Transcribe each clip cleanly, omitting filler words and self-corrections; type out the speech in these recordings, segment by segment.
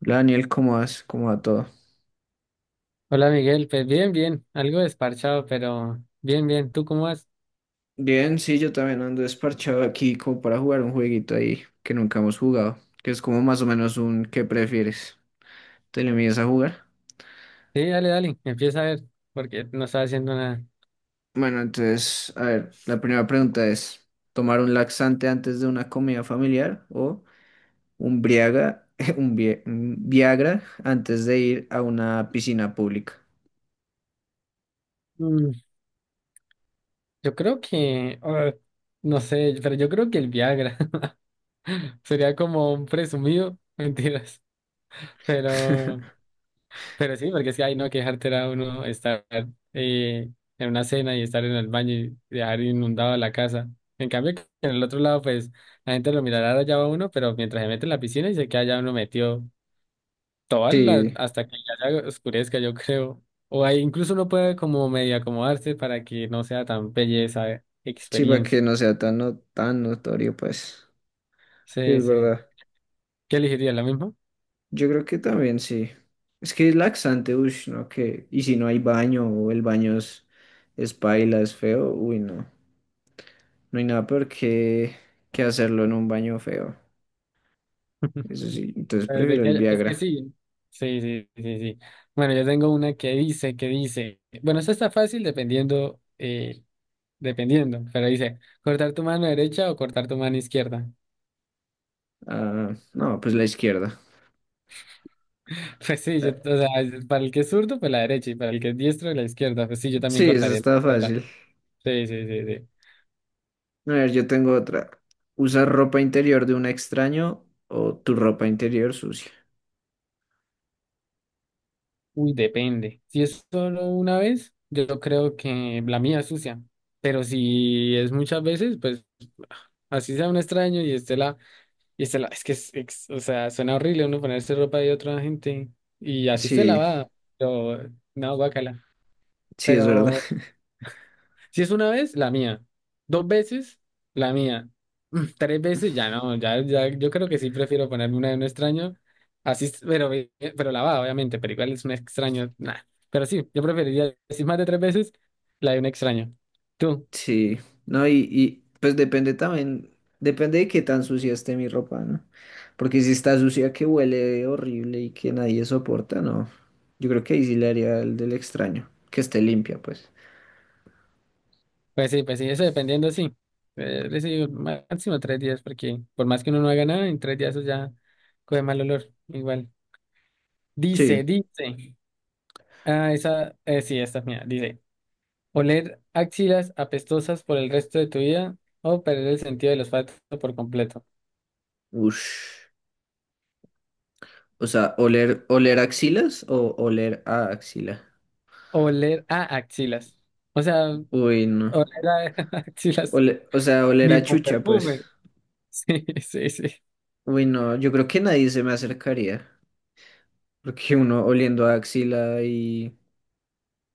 Hola Daniel, ¿cómo vas? ¿Cómo va todo? Hola Miguel, pues bien, bien, algo desparchado, pero bien, bien, ¿tú cómo vas? Bien, sí, yo también ando desparchado aquí como para jugar un jueguito ahí que nunca hemos jugado, que es como más o menos un ¿qué prefieres? ¿Te le mides a jugar? Sí, dale, dale, empieza a ver, porque no estaba haciendo nada. Bueno, entonces, a ver, la primera pregunta es, ¿tomar un laxante antes de una comida familiar o un Briaga, un Viagra antes de ir a una piscina pública? Mm, yo creo que, no sé, pero yo creo que el Viagra sería como un presumido, mentiras, pero, pero sí, porque es que hay no que dejar a uno estar eh, en una cena y estar en el baño y dejar inundado la casa. En cambio, que en el otro lado, pues la gente lo mirará allá va uno, pero mientras se mete en la piscina y se queda allá uno metido toda la, Sí, hasta que ya se oscurezca, yo creo. O ahí incluso uno puede como medio acomodarse para que no sea tan bella esa sí, para experiencia. que no sea tan, no, tan notorio, pues. Sí, Sí, es sí. verdad. ¿Qué elegiría? ¿La misma? Yo creo que también sí. Es que es laxante, uy, no, que. Y si no hay baño o el baño es paila, es feo, uy, no. No hay nada peor que hacerlo en un baño feo. Eso sí, entonces prefiero el es que Viagra. sí. Sí, sí, sí, sí. Bueno, yo tengo una que dice, que dice. Bueno, eso está fácil dependiendo, dependiendo, pero dice, ¿cortar tu mano derecha o cortar tu mano izquierda? Ah, no, pues la izquierda. Pues sí, yo, Eh, o sea, para el que es zurdo, pues la derecha, y para el que es diestro, la izquierda. Pues sí, yo Sí, también eso cortaría la está izquierda. fácil. Sí, sí, sí, sí. A ver, yo tengo otra. ¿Usar ropa interior de un extraño o tu ropa interior sucia? Uy, depende. Si es solo una vez, yo creo que la mía es sucia. Pero si es muchas veces, pues así sea un extraño y esté la, es que es, ex- o sea, suena horrible uno ponerse ropa de otra gente y así esté Sí, lavada. Pero no, guácala. sí, es verdad. Pero si es una vez, la mía. Dos veces, la mía. Mm, tres veces, ya no, ya, ya, yo creo que sí prefiero ponerme una de un extraño. Así, es- pero, eh, pero lavada, obviamente, pero igual es un extraño, nah. Pero sí, yo preferiría, si más de tres veces, la de un extraño. Tú, Sí, no, pues depende también, depende de qué tan sucia esté mi ropa, ¿no? Porque si está sucia que huele horrible y que nadie soporta, no. Yo creo que ahí sí le haría el del extraño, que esté limpia, pues. Pues sí, eso dependiendo, sí. Les digo, máximo tres días, porque por más que uno no haga nada, en tres días eso ya coge mal olor, igual. Dice, Sí, dice. Esa, sí, esta es mía, dice. Oler axilas apestosas por el resto de tu vida o perder el sentido del olfato por completo. ush. O sea, oler axilas o oler a axila. Oler a axilas. O sea, Uy, no. oler a axilas Ole- o sea, oler ni a por chucha, pues. perfume. Sí, sí, sí. Uy, no, yo creo que nadie se me acercaría. Porque uno oliendo a axila y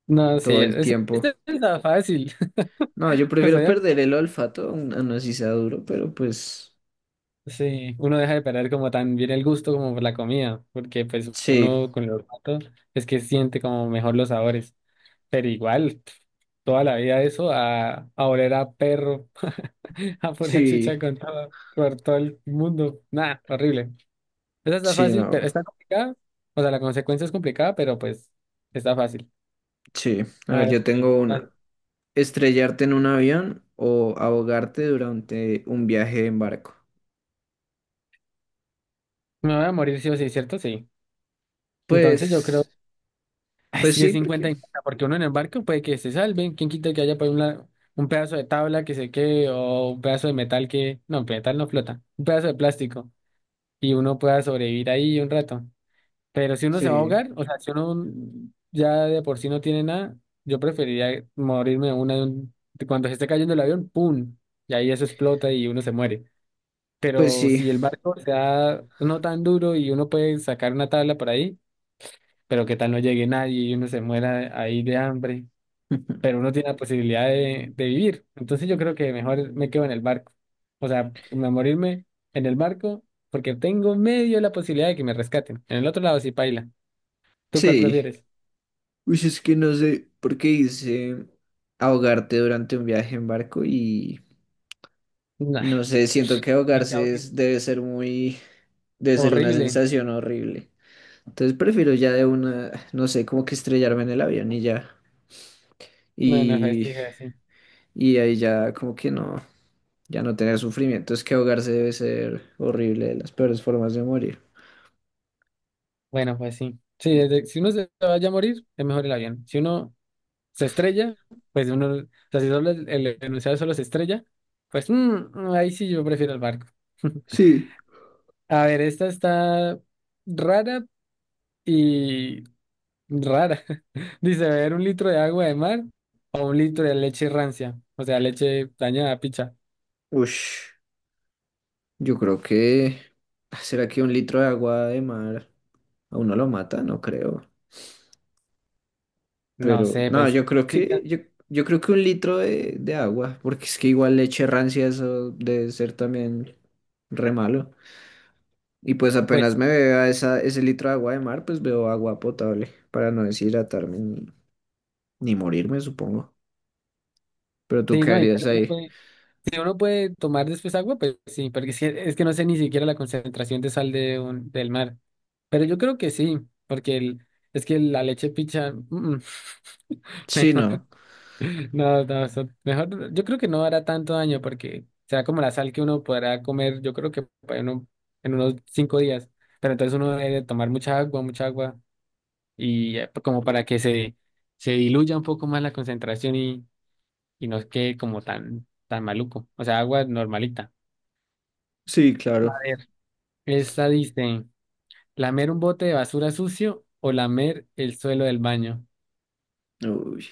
No, sí, todo el es, tiempo. esta está fácil. No, yo Pues prefiero obvio, perder el olfato a un- no así sea duro, pero pues sí, uno deja de perder como también el gusto como por la comida, porque pues sí, uno con el olfato es que siente como mejor los sabores. Pero igual, pf, toda la vida eso, a oler a perro, a pura chucha sí, con todo, por todo el mundo. Nada, horrible. Esa está sí, fácil, no, pero está complicada. O sea, la consecuencia es complicada, pero pues está fácil. sí. A A ver, ver, yo sí, tengo una. dale. Estrellarte en un avión o ahogarte durante un viaje en barco. Me voy a morir sí o sí, ¿cierto? Sí. Entonces yo Pues, creo, ay, es pues que sí, 50 y porque 50, porque uno en el barco puede que se salve. ¿Quién quita que haya por un, la- un pedazo de tabla que se quede o un pedazo de metal que... No, metal no flota. Un pedazo de plástico. Y uno pueda sobrevivir ahí un rato. Pero si uno se va a sí, ahogar, o sea, si uno ya de por sí no tiene nada, yo preferiría morirme de una de un- de cuando se esté cayendo el avión, ¡pum! Y ahí eso explota y uno se muere. pues Pero sí, si el barco se da no tan duro y uno puede sacar una tabla por ahí, pero qué tal no llegue nadie y uno se muera ahí de hambre, pero uno tiene la posibilidad de vivir. Entonces yo creo que mejor me quedo en el barco. Morirme en el barco porque tengo medio la posibilidad de que me rescaten. En el otro lado sí paila. ¿Tú cuál sí. prefieres? Uy, es que no sé por qué hice ahogarte durante un viaje en barco y Nah, no sé, siento que qué ahogarse caótico. es- debe ser muy, debe ser una Horrible. sensación horrible. Entonces prefiero ya de una, no sé, como que estrellarme en el avión y ya. Bueno, pues sí, Y, pues sí. y ahí ya como que no, ya no tener sufrimiento. Es que ahogarse debe ser horrible, de las peores formas de morir. Bueno, pues sí. Si uno se vaya a morir, es mejor el avión. Si uno se estrella, pues uno, o sea, si solo el enunciado solo se estrella, pues ahí sí yo prefiero el barco. Sí. A ver, esta está rara y rara. Dice, beber un litro de agua de mar o un litro de leche rancia, o sea, leche dañada, picha. Ush, yo creo que... ¿Será que un litro de agua de mar a uno lo mata? No creo. No Pero sé, no, yo creo sí, que... Yo creo que un litro de agua, porque es que igual leche rancia eso debe ser también re malo. Y pues apenas pues me beba ese litro de agua de mar, pues veo agua potable para no deshidratarme ni, ni morirme, supongo. Pero tú sí, qué no, y harías ahí. si uno puede tomar después agua, pues sí, porque es que no sé ni siquiera la concentración de sal del mar. Pero yo creo que sí, porque el, es que la leche picha, Sí, mejor, no. no, no, eso- mejor, yo creo que no hará tanto daño porque será como la sal que uno podrá comer, yo creo que para uno- en unos cinco días. Pero entonces uno debe tomar mucha agua, y como para que se diluya un poco más la concentración y no quede como tan, tan maluco. O sea, agua normalita. Sí, A claro. ver, esta dice, ¿lamer un bote de basura sucio o lamer el suelo del baño? Uy,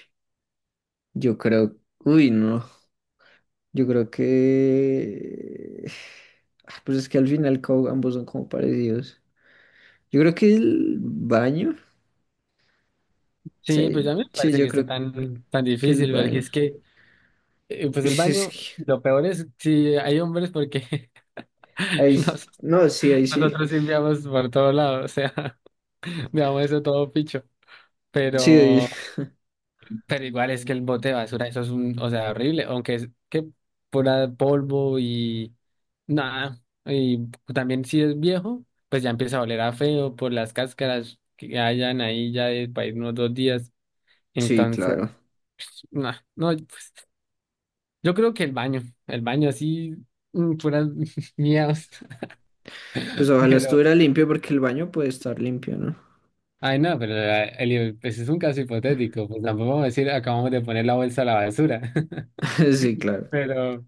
yo creo. Uy, no. Yo creo que. Ah, pues es que al final co- ambos son como parecidos. Yo creo que el baño. Sí, pues Sí, ya me sí, parece yo que esté creo tan, tan que el difícil, porque baño. es que, pues el Sí, es baño, que... lo peor es si hay hombres, porque Ahí sí. nos- No, sí, ahí sí. nosotros limpiamos por todos lados, o sea, veamos eso todo picho, Sí, pero... Pero igual es que el bote de basura, eso es un, o sea, horrible, aunque es que pura polvo y nada, y también si es viejo, pues ya empieza a oler a feo por las cáscaras que hayan ahí ya de para ir unos dos días. sí, Entonces, claro. nah, no, pues, yo creo que el baño así, mm, puras miedos, Pues ojalá pero, estuviera limpio porque el baño puede estar limpio, ¿no? ay no, pero Eli, pues es un caso hipotético, pues tampoco vamos a decir acabamos de poner la bolsa a la basura, Sí, claro. pero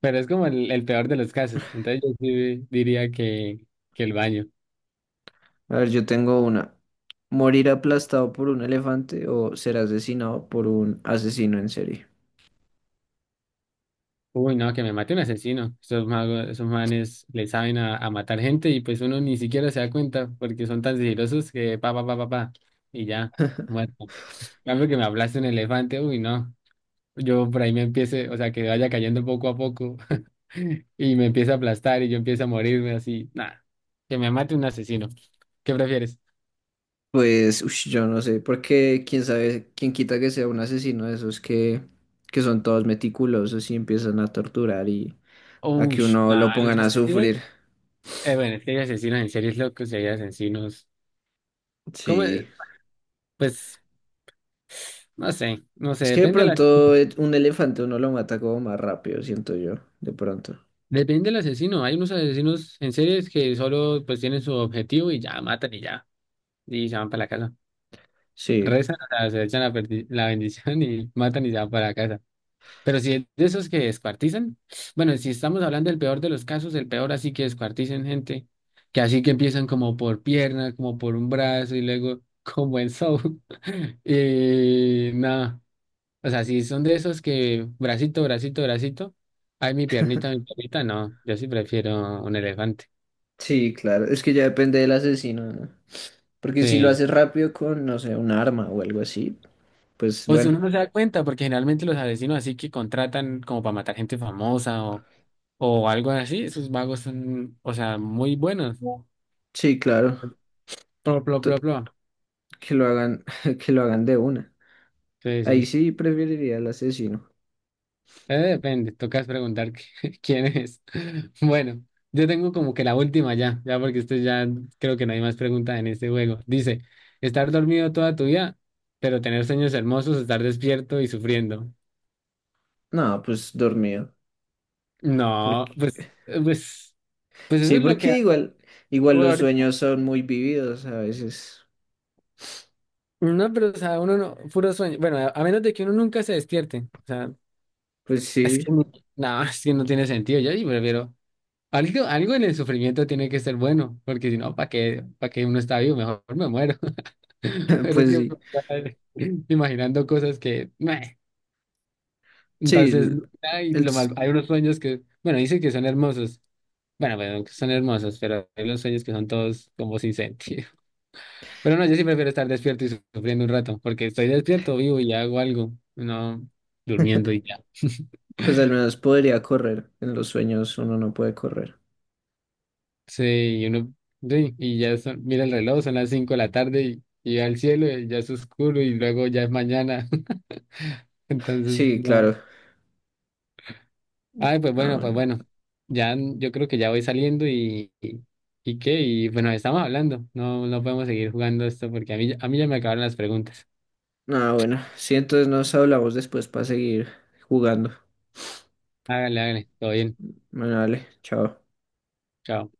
Pero es como el peor de los casos. Entonces yo sí diría que el baño. A ver, yo tengo una. ¿Morir aplastado por un elefante o ser asesinado por un asesino en serie? Uy, no, que me mate un asesino. Esos magos, esos manes le saben a matar gente y pues uno ni siquiera se da cuenta porque son tan sigilosos que pa, pa, pa, pa, pa. Y ya, muerto. En cambio que me hablaste un elefante, uy, no. Yo por ahí me empiece, o sea, que vaya cayendo poco a poco y me empieza a aplastar y yo empiezo a morirme así. Nada, que me mate un asesino. ¿Qué prefieres? Pues, ush, yo no sé, porque quién sabe, quién quita que sea un asesino de esos que son todos meticulosos y empiezan a torturar y a que Uy, uno lo nada, pongan los a asesinos. sufrir. Bueno, es que hay asesinos en series locos y hay asesinos. ¿Cómo? Sí. Pues no sé, no sé, Es que de depende la, pronto un elefante uno lo mata como más rápido, siento yo, de pronto. depende del asesino. Hay unos asesinos en series que solo pues tienen su objetivo y ya matan y ya. Y se van para la casa. Sí. Rezan, o sea, se echan la bendición y matan y se van para la casa. Pero si es de esos que descuartizan, bueno, si estamos hablando del peor de los casos, el peor así que descuartizan gente, que así que empiezan como por pierna, como por un brazo y luego como en Saw. Y nada. O sea, si son de esos que bracito, bracito, bracito, ay, mi piernita, no, yo sí prefiero un elefante. Sí, claro, es que ya depende del asesino, ¿no? Porque si lo Sí. haces rápido con, no sé, un arma o algo así, pues O si bueno, uno no se da cuenta, porque generalmente los asesinos así que contratan como para matar gente famosa o algo así, esos vagos son, o sea, muy buenos. sí, claro, Plo, plo, plo, to- plo. que lo hagan, que lo hagan de una. Sí, Ahí sí. sí preferiría al asesino. Depende, tocas preguntar quién es. Bueno, yo tengo como que la última ya, ya porque esto ya creo que no hay más preguntas en este juego. Dice, estar dormido toda tu vida, pero tener sueños hermosos, estar despierto y sufriendo. No, pues dormido. Porque, No, pues, pues, pues eso sí, es lo que porque igual, igual los ahorita- sueños son muy vividos a veces. no, pero o sea, uno no, puro sueño. Bueno, a menos de que uno nunca se despierte. O sea, Pues es sí, que no, no, es que no tiene sentido. Yo sí prefiero. Algo, algo en el sufrimiento tiene que ser bueno, porque si no, para qué uno está vivo? Mejor me muero. Pero es pues que sí. me está imaginando cosas que, meh. Sí, Entonces, hay, el lo s- mal, hay unos sueños que, bueno, dicen que son hermosos. Bueno, bueno, que son hermosos, pero hay unos sueños que son todos como sin sentido. Pero no, yo sí prefiero estar despierto y sufriendo un rato, porque estoy despierto, vivo y hago algo, no durmiendo y ya. pues al menos podría correr. En los sueños uno no puede correr. Sí, y uno, sí, y ya son, mira el reloj, son las 5 de la tarde y al cielo y ya es oscuro y luego ya es mañana. Entonces, Sí, no. claro. Ay, pues Ah, bueno, pues bueno. bueno. Yo creo que ya voy saliendo y qué, y bueno, estamos hablando. No, no podemos seguir jugando esto porque a mí ya me acabaron las preguntas. Ah, bueno, sí, entonces nos hablamos después para seguir jugando. Hágale, hágale, todo bien. Bueno, dale, chao. Chao.